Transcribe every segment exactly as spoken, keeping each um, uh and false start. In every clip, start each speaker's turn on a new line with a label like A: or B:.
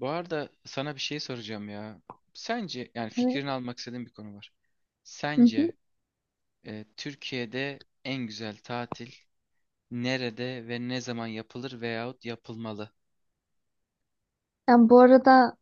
A: Bu arada sana bir şey soracağım ya. Sence yani fikrini
B: Evet.
A: almak istediğim bir konu var.
B: Hı hı.
A: Sence e, Türkiye'de en güzel tatil nerede ve ne zaman yapılır veyahut yapılmalı?
B: Yani bu arada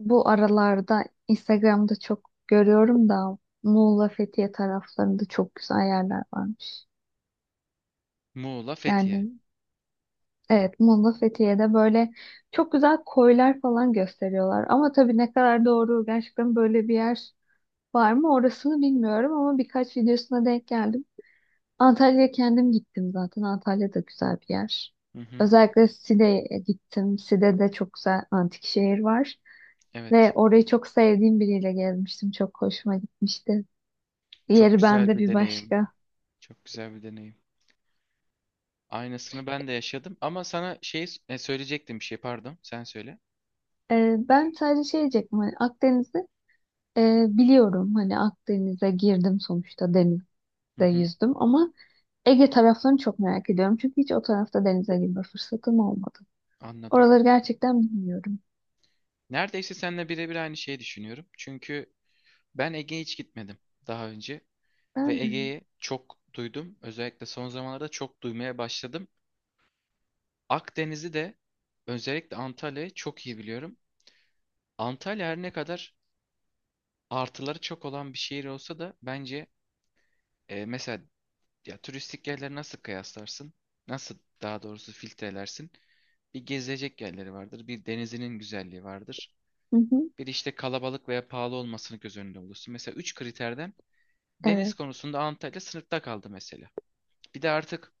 B: bu aralarda Instagram'da çok görüyorum da Muğla Fethiye taraflarında çok güzel yerler varmış.
A: Muğla, Fethiye.
B: Yani evet, Muğla Fethiye'de böyle çok güzel koylar falan gösteriyorlar. Ama tabii ne kadar doğru, gerçekten böyle bir yer var mı orasını bilmiyorum ama birkaç videosuna denk geldim. Antalya'ya kendim gittim zaten. Antalya da güzel bir yer.
A: Hı hı,
B: Özellikle Side'ye gittim. Side'de çok güzel antik şehir var. Ve
A: evet.
B: orayı çok sevdiğim biriyle gezmiştim. Çok hoşuma gitmişti.
A: Çok
B: Yeri
A: güzel
B: bende
A: bir
B: bir
A: deneyim.
B: başka.
A: Çok güzel bir deneyim. Aynısını ben de yaşadım ama sana şey e, söyleyecektim bir şey, pardon. Sen söyle.
B: Ee, ben sadece şey diyecektim. Hani Akdeniz'i e, biliyorum. Hani Akdeniz'e girdim sonuçta. Denizde
A: Hı hı,
B: yüzdüm. Ama Ege taraflarını çok merak ediyorum. Çünkü hiç o tarafta denize girme fırsatım olmadı.
A: anladım.
B: Oraları gerçekten bilmiyorum.
A: Neredeyse seninle birebir aynı şeyi düşünüyorum. Çünkü ben Ege'ye hiç gitmedim daha önce. Ve
B: Ben de.
A: Ege'yi çok duydum. Özellikle son zamanlarda çok duymaya başladım. Akdeniz'i de özellikle Antalya'yı çok iyi biliyorum. Antalya her ne kadar artıları çok olan bir şehir olsa da bence, e, mesela ya turistik yerleri nasıl kıyaslarsın? Nasıl, daha doğrusu, filtrelersin? Bir gezilecek yerleri vardır, bir denizinin güzelliği vardır.
B: Hı hı,
A: Bir işte kalabalık veya pahalı olmasını göz önünde bulursun. Mesela üç kriterden deniz
B: evet.
A: konusunda Antalya sınıfta kaldı mesela. Bir de artık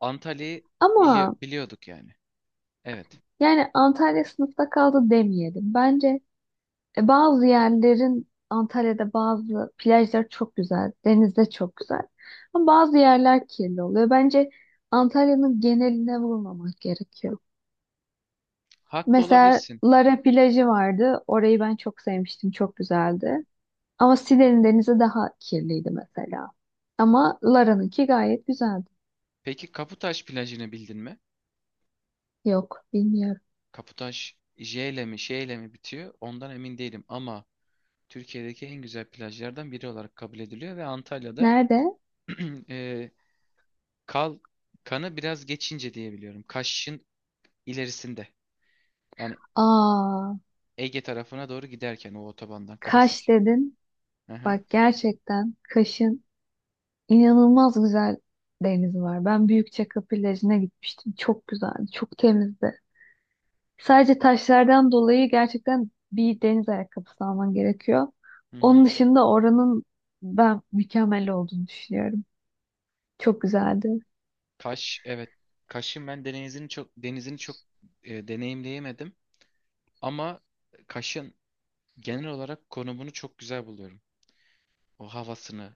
A: Antalya'yı bili-
B: Ama
A: biliyorduk yani. Evet.
B: yani Antalya sınıfta kaldı demeyelim. Bence E, bazı yerlerin, Antalya'da bazı plajlar çok güzel, deniz de çok güzel. Ama bazı yerler kirli oluyor. Bence Antalya'nın geneline vurmamak gerekiyor.
A: Haklı
B: Mesela
A: olabilirsin.
B: Lara plajı vardı. Orayı ben çok sevmiştim, çok güzeldi. Ama Side'nin denizi daha kirliydi mesela. Ama Lara'nınki gayet güzeldi.
A: Peki Kaputaş plajını bildin mi?
B: Yok, bilmiyorum.
A: Kaputaş J ile mi Ş ile mi bitiyor? Ondan emin değilim ama Türkiye'deki en güzel plajlardan biri olarak kabul ediliyor ve Antalya'da
B: Nerede?
A: e, kal kanı biraz geçince diye biliyorum. Kaş'ın ilerisinde. Yani
B: Aa,
A: Ege tarafına doğru giderken o otobandan
B: Kaş
A: klasik.
B: dedin.
A: Hı hı.
B: Bak gerçekten Kaş'ın İnanılmaz güzel deniz var. Ben Büyükçekmece plajına gitmiştim. Çok güzeldi, çok temizdi. Sadece taşlardan dolayı gerçekten bir deniz ayakkabısı alman gerekiyor.
A: Hı hı.
B: Onun dışında oranın ben mükemmel olduğunu düşünüyorum. Çok güzeldi.
A: Kaş, evet. Kaş'ın ben denizini çok denizini çok e, deneyimleyemedim ama Kaş'ın genel olarak konumunu çok güzel buluyorum. O havasını,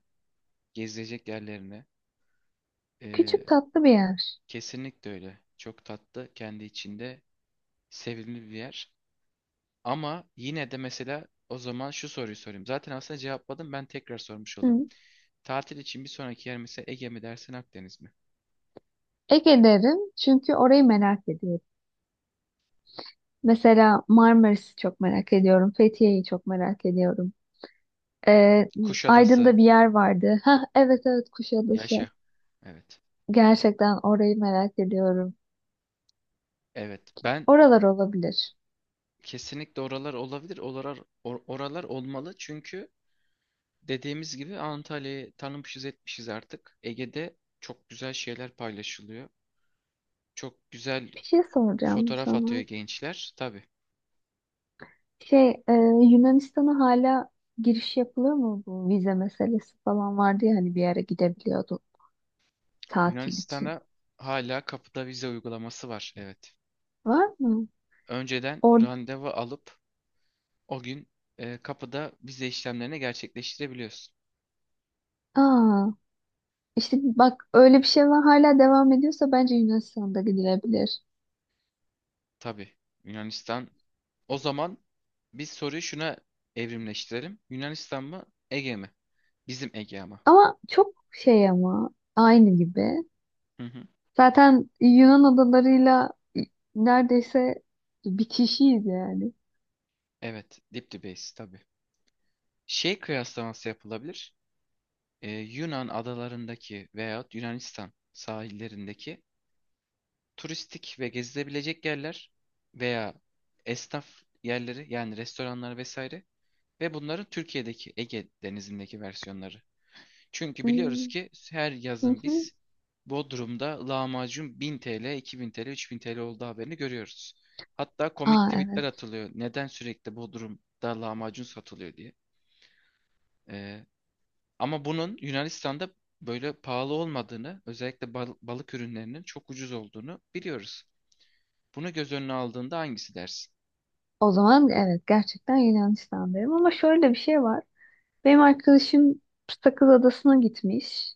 A: gezilecek yerlerini. Ee,
B: Küçük tatlı bir yer.
A: Kesinlikle öyle. Çok tatlı, kendi içinde sevimli bir yer. Ama yine de, mesela, o zaman şu soruyu sorayım. Zaten aslında cevapladım, ben tekrar sormuş olayım.
B: Hı.
A: Tatil için bir sonraki yer mesela Ege mi dersin, Akdeniz mi?
B: Ege derim çünkü orayı merak ediyorum. Mesela Marmaris'i çok merak ediyorum. Fethiye'yi çok merak ediyorum. Ee,
A: Kuşadası,
B: Aydın'da bir yer vardı. Ha evet evet, Kuşadası.
A: yaşa. Evet.
B: Gerçekten orayı merak ediyorum.
A: Evet. Ben
B: Oralar olabilir.
A: kesinlikle oralar olabilir. Oralar, or- oralar olmalı çünkü dediğimiz gibi Antalya'yı tanımışız etmişiz artık. Ege'de çok güzel şeyler paylaşılıyor. Çok güzel
B: Bir şey soracağım
A: fotoğraf atıyor
B: sana.
A: gençler. Tabii.
B: Şey, e, Yunanistan'a hala giriş yapılıyor mu? Bu vize meselesi falan vardı ya, hani bir yere gidebiliyordu tatil için.
A: Yunanistan'a hala kapıda vize uygulaması var. Evet.
B: Var mı?
A: Önceden
B: Or
A: randevu alıp o gün e, kapıda vize işlemlerini gerçekleştirebiliyorsun.
B: Aa, işte bak, öyle bir şey var hala, devam ediyorsa bence Yunanistan'da gidilebilir.
A: Tabii Yunanistan. O zaman biz soruyu şuna evrimleştirelim. Yunanistan mı Ege mi? Bizim Ege ama.
B: Ama çok şey, ama aynı gibi.
A: Hı hı.
B: Zaten Yunan adalarıyla neredeyse bir, yani.
A: Evet, dip dibeyiz tabii. Şey kıyaslaması yapılabilir. Ee, Yunan adalarındaki veyahut Yunanistan sahillerindeki turistik ve gezilebilecek yerler veya esnaf yerleri, yani restoranlar vesaire, ve bunların Türkiye'deki Ege Denizi'ndeki versiyonları. Çünkü biliyoruz
B: Hmm.
A: ki her yazın biz Bodrum'da lahmacun bin T L, iki bin T L, üç bin T L olduğu haberini görüyoruz. Hatta komik
B: Aa
A: tweetler
B: evet.
A: atılıyor. Neden sürekli Bodrum'da lahmacun satılıyor diye. Ee, Ama bunun Yunanistan'da böyle pahalı olmadığını, özellikle bal- balık ürünlerinin çok ucuz olduğunu biliyoruz. Bunu göz önüne aldığında hangisi dersin?
B: O zaman evet, gerçekten Yunanistan'dayım, ama şöyle bir şey var. Benim arkadaşım Sakız Adası'na gitmiş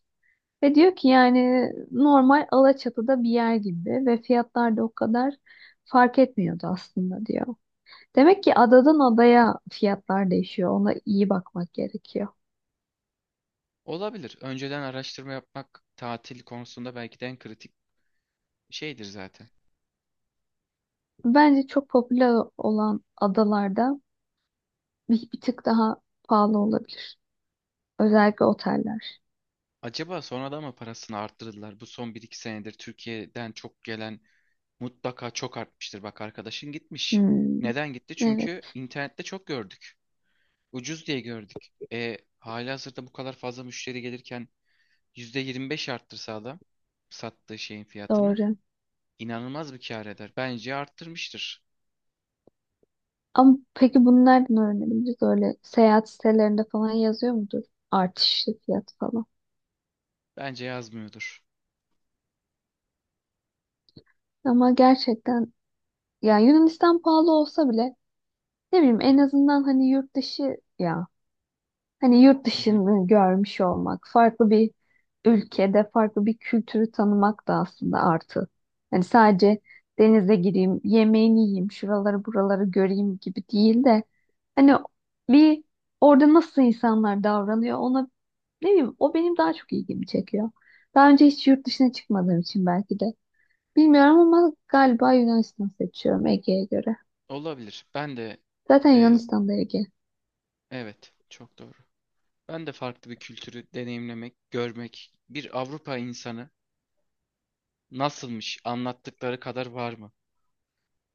B: ve diyor ki yani normal Alaçatı'da bir yer gibi ve fiyatlar da o kadar fark etmiyordu aslında, diyor. Demek ki adadan adaya fiyatlar değişiyor. Ona iyi bakmak gerekiyor.
A: Olabilir. Önceden araştırma yapmak tatil konusunda belki de en kritik şeydir zaten.
B: Bence çok popüler olan adalarda bir, bir tık daha pahalı olabilir. Özellikle oteller.
A: Acaba sonradan mı parasını arttırdılar? Bu son bir iki senedir Türkiye'den çok gelen mutlaka çok artmıştır. Bak, arkadaşın gitmiş.
B: Hmm,
A: Neden gitti? Çünkü
B: evet
A: internette çok gördük. Ucuz diye gördük. E, halihazırda bu kadar fazla müşteri gelirken Yüzde yirmi beş arttırsa adam sattığı şeyin fiyatını,
B: doğru.
A: inanılmaz bir kâr eder. Bence arttırmıştır.
B: Ama peki bunu nereden öğrenebiliriz? Öyle seyahat sitelerinde falan yazıyor mudur? Artışlı fiyat falan.
A: Bence yazmıyordur.
B: Ama gerçekten yani Yunanistan pahalı olsa bile, ne bileyim, en azından hani yurt dışı ya, hani yurt
A: Hı hı.
B: dışını görmüş olmak, farklı bir ülkede farklı bir kültürü tanımak da aslında artı. Hani sadece denize gireyim, yemeğini yiyeyim, şuraları buraları göreyim gibi değil de, hani bir orada nasıl insanlar davranıyor ona, ne bileyim, o benim daha çok ilgimi çekiyor. Daha önce hiç yurt dışına çıkmadığım için belki de. Bilmiyorum ama galiba Yunanistan seçiyorum Ege'ye göre.
A: Olabilir. Ben de
B: Zaten
A: e,
B: Yunanistan'da Ege.
A: evet, çok doğru. Ben de farklı bir kültürü deneyimlemek, görmek, bir Avrupa insanı nasılmış, anlattıkları kadar var mı?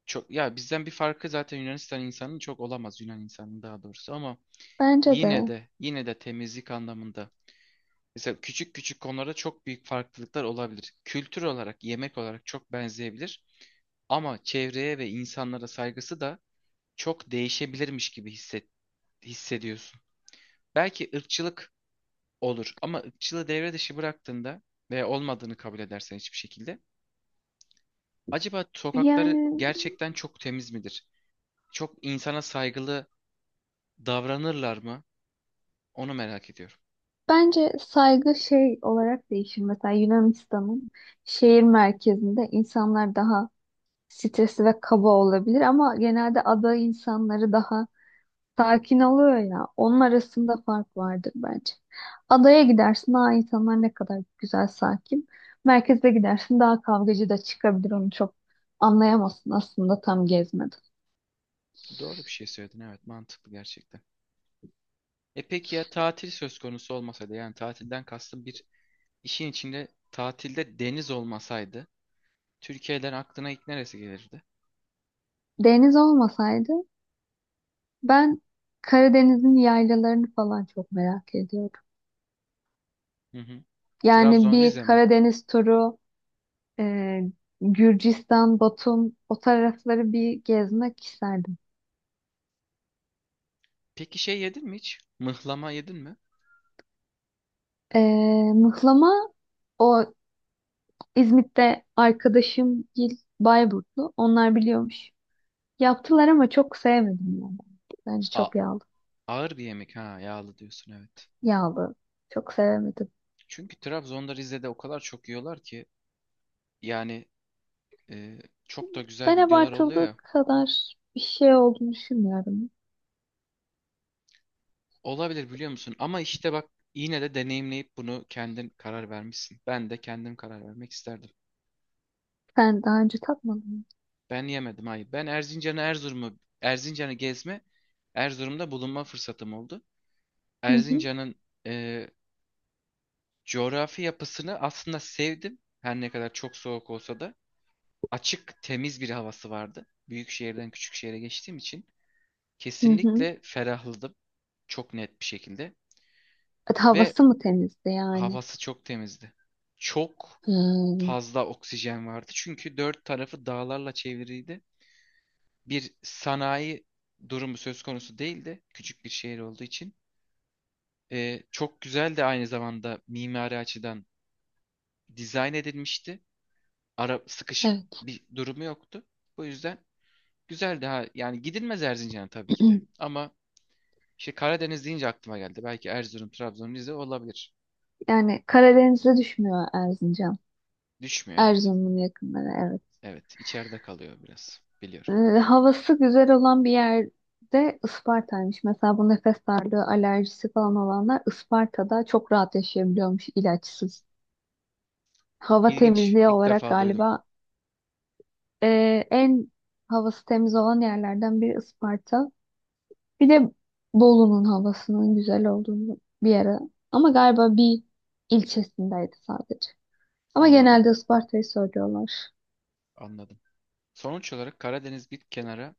A: Çok ya, bizden bir farkı zaten Yunanistan insanının çok olamaz, Yunan insanının daha doğrusu, ama
B: Bence
A: yine
B: de.
A: de, yine de temizlik anlamında, mesela küçük küçük konularda çok büyük farklılıklar olabilir. Kültür olarak, yemek olarak çok benzeyebilir. Ama çevreye ve insanlara saygısı da çok değişebilirmiş gibi hisset, hissediyorsun. Belki ırkçılık olur ama ırkçılığı devre dışı bıraktığında ve olmadığını kabul edersen, hiçbir şekilde, acaba sokakları
B: Yani
A: gerçekten çok temiz midir? Çok insana saygılı davranırlar mı? Onu merak ediyorum.
B: bence saygı şey olarak değişir. Mesela Yunanistan'ın şehir merkezinde insanlar daha stresli ve kaba olabilir ama genelde ada insanları daha sakin oluyor ya. Onun arasında fark vardır bence. Adaya gidersin, aa insanlar ne kadar güzel, sakin. Merkeze gidersin, daha kavgacı da çıkabilir. Onu çok anlayamazsın aslında tam gezmeden.
A: Doğru bir şey söyledin, evet, mantıklı gerçekten. E peki ya tatil söz konusu olmasaydı, yani tatilden kastım bir işin içinde tatilde deniz olmasaydı, Türkiye'den aklına ilk neresi gelirdi?
B: Deniz olmasaydı, ben Karadeniz'in yaylalarını falan çok merak ediyorum.
A: Hı hı.
B: Yani
A: Trabzon,
B: bir
A: Rize mi?
B: Karadeniz turu, e, Gürcistan, Batum, o tarafları bir gezmek isterdim.
A: Peki şey yedin mi hiç? Mıhlama yedin mi?
B: E, Mıhlama, o İzmit'te arkadaşım Gil Bayburtlu. Onlar biliyormuş. Yaptılar ama çok sevmedim yani. Bence
A: A
B: çok yağlı.
A: ağır bir yemek ha, yağlı diyorsun, evet.
B: Yağlı. Çok sevemedim.
A: Çünkü Trabzon'da, Rize'de o kadar çok yiyorlar ki, yani, e, çok da güzel
B: Ben
A: videolar oluyor
B: abartıldığı
A: ya.
B: kadar bir şey olduğunu düşünmüyorum.
A: Olabilir, biliyor musun? Ama işte bak, yine de deneyimleyip bunu kendin karar vermişsin. Ben de kendim karar vermek isterdim.
B: Sen daha önce tatmadın mı?
A: Ben yemedim, hayır. Ben Erzincan'ı Erzurum'u Erzincan'ı gezme, Erzurum'da bulunma fırsatım oldu.
B: Hı hı.
A: Erzincan'ın e, coğrafi yapısını aslında sevdim. Her ne kadar çok soğuk olsa da açık, temiz bir havası vardı. Büyük şehirden küçük şehre geçtiğim için
B: Hı hı.
A: kesinlikle ferahladım. Çok net bir şekilde
B: Evet,
A: ve
B: havası mı temizdi yani?
A: havası çok temizdi. Çok
B: Hmm,
A: fazla oksijen vardı. Çünkü dört tarafı dağlarla çevriydi, bir sanayi durumu söz konusu değildi. Küçük bir şehir olduğu için. Ee, çok güzel de aynı zamanda mimari açıdan dizayn edilmişti. Ara sıkışık
B: evet.
A: bir durumu yoktu. Bu yüzden güzel, daha yani gidilmez Erzincan'a tabii ki de. Ama işte Karadeniz deyince aklıma geldi. Belki Erzurum, Trabzon, Rize olabilir.
B: Yani Karadeniz'e düşmüyor Erzincan.
A: Düşmüyor, evet.
B: Erzurum'un yakınları evet.
A: Evet, içeride kalıyor biraz.
B: e,
A: Biliyorum.
B: Havası güzel olan bir yerde Isparta'ymış. Mesela bu nefes darlığı, alerjisi falan olanlar Isparta'da çok rahat yaşayabiliyormuş ilaçsız. Hava
A: İlginç.
B: temizliği
A: İlk
B: olarak
A: defa duydum.
B: galiba e, en havası temiz olan yerlerden biri Isparta. Bir de Bolu'nun havasının güzel olduğunu bir yere. Ama galiba bir ilçesindeydi sadece. Ama
A: Anladım.
B: genelde Isparta'yı söylüyorlar.
A: Anladım. Sonuç olarak Karadeniz bir kenara,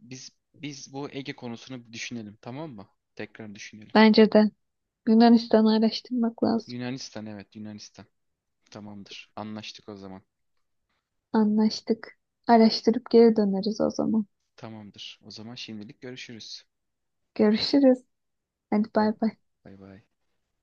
A: Biz biz bu Ege konusunu bir düşünelim, tamam mı? Tekrar düşünelim.
B: Bence de Yunanistan'ı araştırmak lazım.
A: Yunanistan, evet Yunanistan. Tamamdır. Anlaştık o zaman.
B: Anlaştık. Araştırıp geri döneriz o zaman.
A: Tamamdır. O zaman şimdilik görüşürüz.
B: Görüşürüz. Hadi
A: Bay,
B: bay bay.
A: bay, bay.